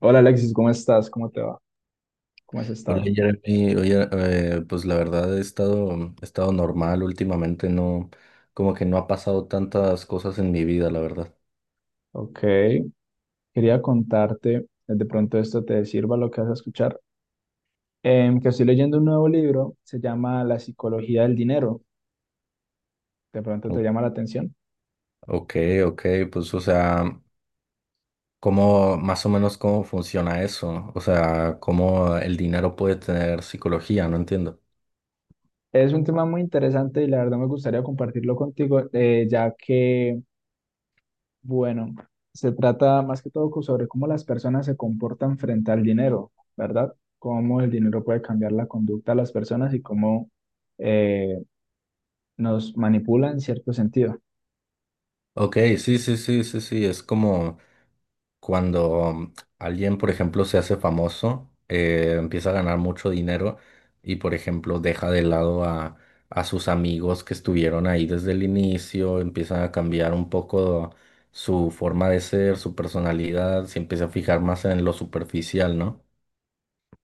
Hola Alexis, ¿cómo estás? ¿Cómo te va? ¿Cómo has Hola estado? Jeremy, oye, pues la verdad he estado normal últimamente, no, como que no ha pasado tantas cosas en mi vida, la verdad. Ok, quería contarte, de pronto esto te sirva lo que vas a escuchar, que estoy leyendo un nuevo libro, se llama La psicología del dinero, de pronto te O- llama la atención. Ok, ok, pues o sea, ¿cómo, más o menos cómo funciona eso? O sea, ¿cómo el dinero puede tener psicología? No entiendo. Es un tema muy interesante y la verdad me gustaría compartirlo contigo, ya que, bueno, se trata más que todo sobre cómo las personas se comportan frente al dinero, ¿verdad? Cómo el dinero puede cambiar la conducta de las personas y cómo eh, nos manipula en cierto sentido. Ok, sí, sí, sí, sí, sí, es como cuando alguien, por ejemplo, se hace famoso, empieza a ganar mucho dinero y, por ejemplo, deja de lado a sus amigos que estuvieron ahí desde el inicio, empiezan a cambiar un poco su forma de ser, su personalidad, se empieza a fijar más en lo superficial, ¿no?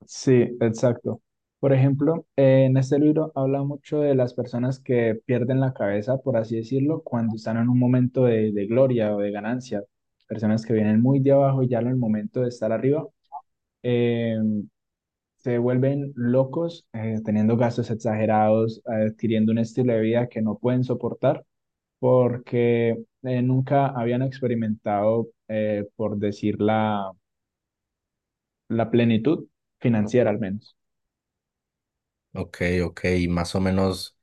Sí, exacto. Por ejemplo, en este libro habla mucho de las personas que pierden la cabeza, por así decirlo, cuando están en un momento de gloria o de ganancia. Personas que vienen muy de abajo y ya en el momento de estar arriba, eh, se vuelven locos, teniendo gastos exagerados, adquiriendo un estilo de vida que no pueden soportar porque nunca habían experimentado, por decir la plenitud financiera al menos. Ok, ok, y más o menos.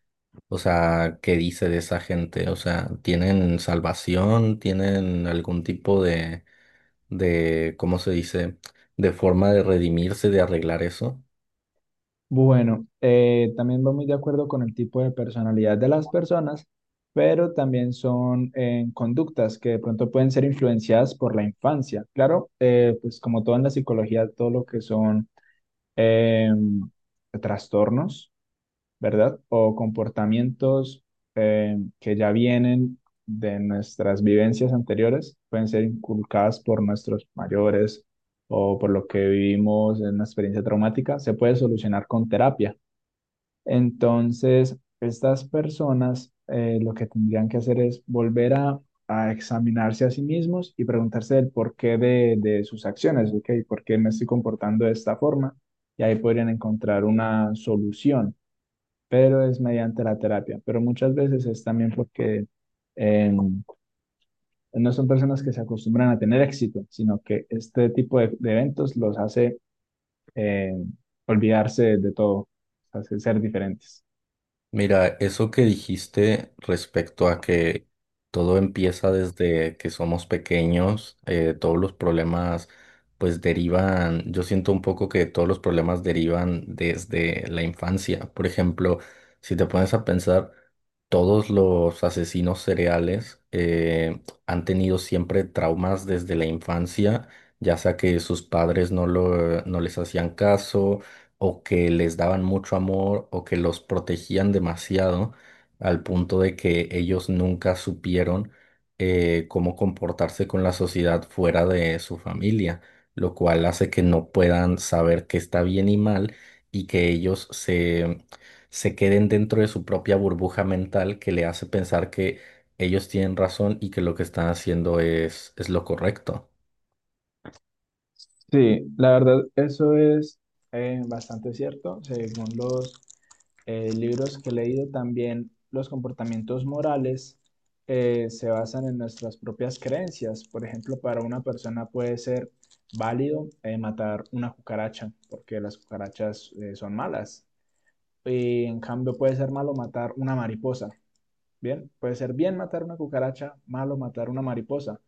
O sea, ¿qué dice de esa gente? O sea, ¿tienen salvación? ¿Tienen algún tipo de, ¿cómo se dice? De forma de redimirse, de arreglar eso? Bueno, también va muy de acuerdo con el tipo de personalidad de las personas, pero también son conductas que de pronto pueden ser influenciadas por la infancia. Claro, pues como todo en la psicología, todo lo que son eh, trastornos, ¿verdad? O comportamientos que ya vienen de nuestras vivencias anteriores, pueden ser inculcadas por nuestros mayores o por lo que vivimos en una experiencia traumática, se puede solucionar con terapia. Entonces, estas personas lo que tendrían que hacer es volver a examinarse a sí mismos y preguntarse el porqué de sus acciones, ¿ok? ¿Por qué me estoy comportando de esta forma? Y ahí podrían encontrar una solución, pero es mediante la terapia. Pero muchas veces es también porque eh, no son personas que se acostumbran a tener éxito, sino que este tipo de eventos los hace eh, olvidarse de todo, hace ser diferentes. Mira, eso que dijiste respecto a que todo empieza desde que somos pequeños, todos los problemas pues derivan, yo siento un poco que todos los problemas derivan desde la infancia. Por ejemplo, si te pones a pensar, todos los asesinos cereales han tenido siempre traumas desde la infancia, ya sea que sus padres no les hacían caso o que les daban mucho amor o que los protegían demasiado al punto de que ellos nunca supieron cómo comportarse con la sociedad fuera de su familia, lo cual hace que no puedan saber qué está bien y mal y que se queden dentro de su propia burbuja mental que le hace pensar que ellos tienen razón y que lo que están haciendo es lo correcto. Sí, la verdad, eso es bastante cierto. Según los libros que he leído, también los comportamientos morales se basan en nuestras propias creencias. Por ejemplo, para una persona puede ser válido matar una cucaracha, porque las cucarachas son malas. Y en cambio puede ser malo matar una mariposa. Bien, puede ser bien matar una cucaracha, malo matar una mariposa,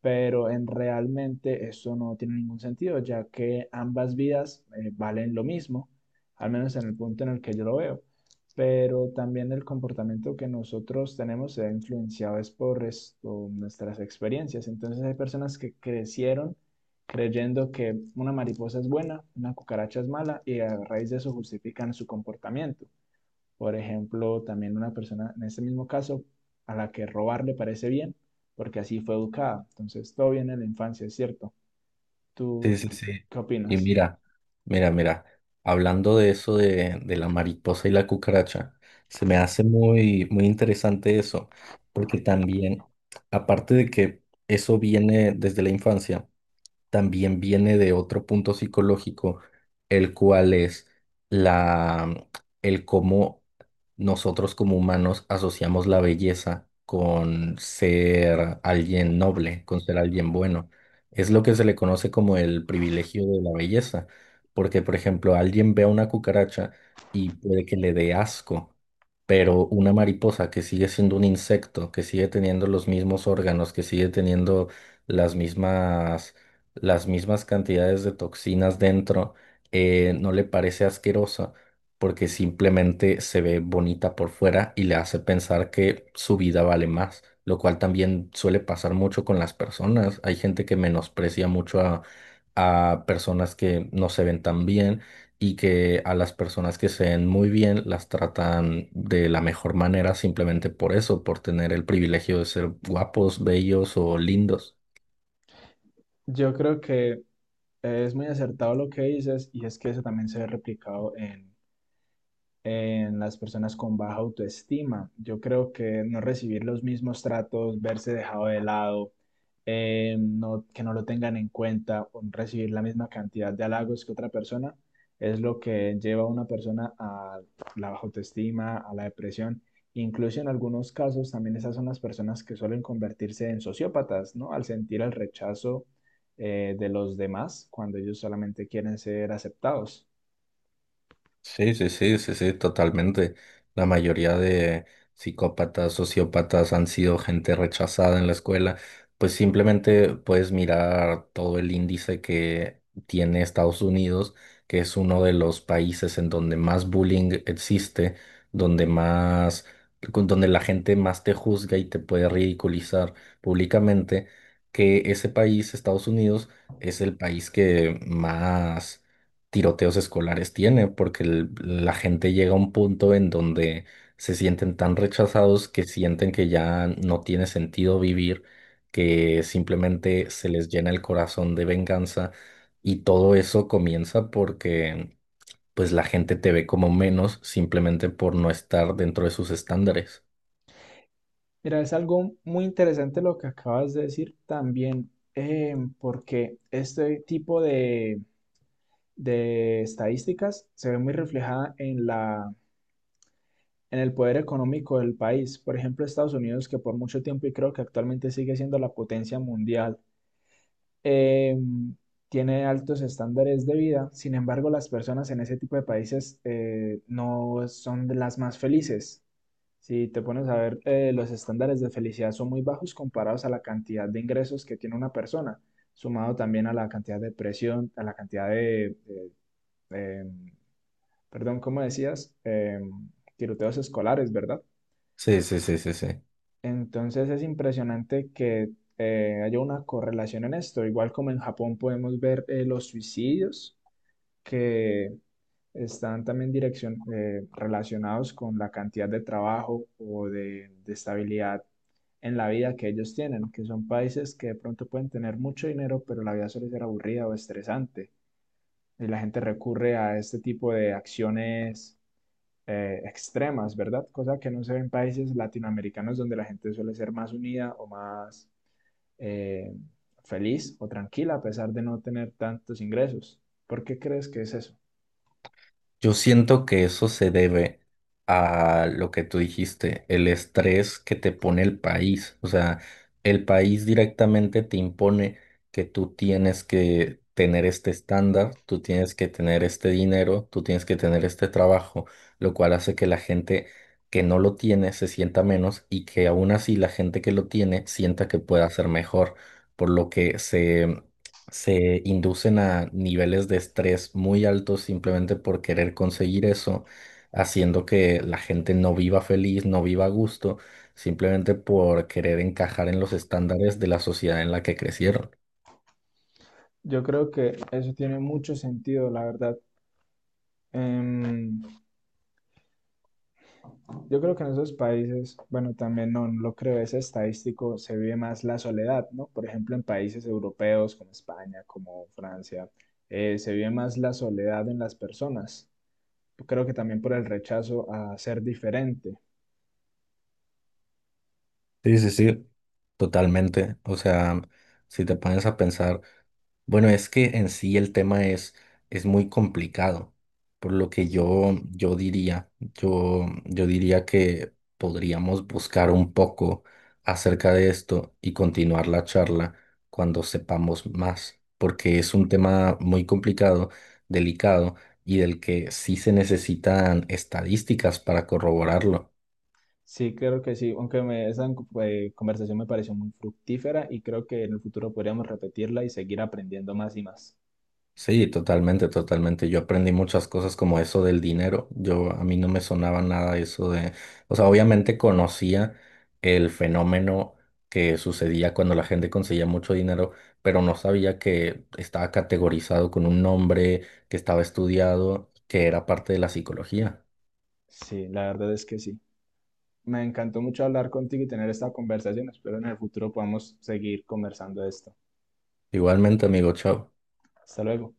pero en realmente eso no tiene ningún sentido, ya que ambas vidas valen lo mismo, al menos en el punto en el que yo lo veo. Pero también el comportamiento que nosotros tenemos se ha influenciado es por esto, nuestras experiencias. Entonces hay personas que crecieron creyendo que una mariposa es buena, una cucaracha es mala, y a raíz de eso justifican su comportamiento. Por ejemplo, también una persona, en este mismo caso, a la que robar le parece bien, porque así fue educada. Entonces, todo viene de la infancia, es cierto. Sí, ¿Tú sí, sí. qué Y opinas? mira, mira, mira, hablando de eso de la mariposa y la cucaracha, se me hace muy, muy interesante eso, porque también, aparte de que eso viene desde la infancia, también viene de otro punto psicológico, el cual es la, el cómo nosotros como humanos asociamos la belleza con ser alguien noble, con ser alguien bueno. Es lo que se le conoce como el privilegio de la belleza, porque por ejemplo, alguien ve a una cucaracha y puede que le dé asco. Pero una mariposa que sigue siendo un insecto, que sigue teniendo los mismos órganos, que sigue teniendo las mismas las mismas cantidades de toxinas dentro, no le parece asquerosa porque simplemente se ve bonita por fuera y le hace pensar que su vida vale más, lo cual también suele pasar mucho con las personas. Hay gente que menosprecia mucho a personas que no se ven tan bien y que a las personas que se ven muy bien las tratan de la mejor manera simplemente por eso, por tener el privilegio de ser guapos, bellos o lindos. Yo creo que es muy acertado lo que dices y es que eso también se ve replicado en las personas con baja autoestima. Yo creo que no recibir los mismos tratos, verse dejado de lado, no, que no lo tengan en cuenta, o no recibir la misma cantidad de halagos que otra persona, es lo que lleva a una persona a la baja autoestima, a la depresión. Incluso en algunos casos también esas son las personas que suelen convertirse en sociópatas, ¿no? Al sentir el rechazo de los demás cuando ellos solamente quieren ser aceptados. Sí, sí, sí, sí, sí, totalmente. La mayoría de psicópatas, sociópatas han sido gente rechazada en la escuela. Pues simplemente puedes mirar todo el índice que tiene Estados Unidos, que es uno de los países en donde más bullying existe, donde más, donde la gente más te juzga y te puede ridiculizar públicamente, que ese país, Estados Unidos, es el país que más tiroteos escolares tiene, porque la gente llega a un punto en donde se sienten tan rechazados que sienten que ya no tiene sentido vivir, que simplemente se les llena el corazón de venganza y todo eso comienza porque pues la gente te ve como menos simplemente por no estar dentro de sus estándares. Mira, es algo muy interesante lo que acabas de decir también, porque este tipo de estadísticas se ve muy reflejada en en el poder económico del país. Por ejemplo, Estados Unidos, que por mucho tiempo y creo que actualmente sigue siendo la potencia mundial, eh, tiene altos estándares de vida. Sin embargo, las personas en ese tipo de países no son de las más felices. Si te pones a ver, los estándares de felicidad son muy bajos comparados a la cantidad de ingresos que tiene una persona, sumado también a la cantidad de presión, a la cantidad de, eh, perdón, ¿cómo decías? Tiroteos escolares, ¿verdad? Sí, sí, sí, sí, sí. Entonces es impresionante que haya una correlación en esto, igual como en Japón podemos ver los suicidios, que están también relacionados con la cantidad de trabajo o de estabilidad en la vida que ellos tienen, que son países que de pronto pueden tener mucho dinero, pero la vida suele ser aburrida o estresante. Y la gente recurre a este tipo de acciones extremas, ¿verdad? Cosa que no se ve en países latinoamericanos donde la gente suele ser más unida o más eh, feliz o tranquila a pesar de no tener tantos ingresos. ¿Por qué crees que es eso? Yo siento que eso se debe a lo que tú dijiste, el estrés que te pone el país. O sea, el país directamente te impone que tú tienes que tener este estándar, tú tienes que tener este dinero, tú tienes que tener este trabajo, lo cual hace que la gente que no lo tiene se sienta menos y que aún así la gente que lo tiene sienta que puede hacer mejor, por lo que se inducen a niveles de estrés muy altos simplemente por querer conseguir eso, haciendo que la gente no viva feliz, no viva a gusto, simplemente por querer encajar en los estándares de la sociedad en la que crecieron. Yo creo que eso tiene mucho sentido, la verdad. Em, yo creo que en esos países, bueno, también no lo creo, es estadístico, se vive más la soledad, ¿no? Por ejemplo, en países europeos como España, como Francia, se vive más la soledad en las personas. Creo que también por el rechazo a ser diferente. Sí, sí, sí, totalmente. O sea, si te pones a pensar, bueno, es que en sí es muy complicado, por lo que Sí. Yo diría, yo diría que podríamos buscar un poco acerca de esto y continuar la charla cuando sepamos más, porque es un tema muy complicado, delicado y del que sí se necesitan estadísticas para corroborarlo. Sí, creo que sí, aunque esa conversación me pareció muy fructífera y creo que en el futuro podríamos repetirla y seguir aprendiendo más y más. Sí, totalmente, totalmente. Yo aprendí muchas cosas como eso del dinero. Yo a mí no me sonaba nada eso de, o sea, obviamente conocía el fenómeno que sucedía cuando la gente conseguía mucho dinero, pero no sabía que estaba categorizado con un nombre, que estaba estudiado, que era parte de la psicología. Sí, la verdad es que sí. Me encantó mucho hablar contigo y tener esta conversación. Espero en el futuro podamos seguir conversando de esto. Igualmente, amigo, chao. Hasta luego.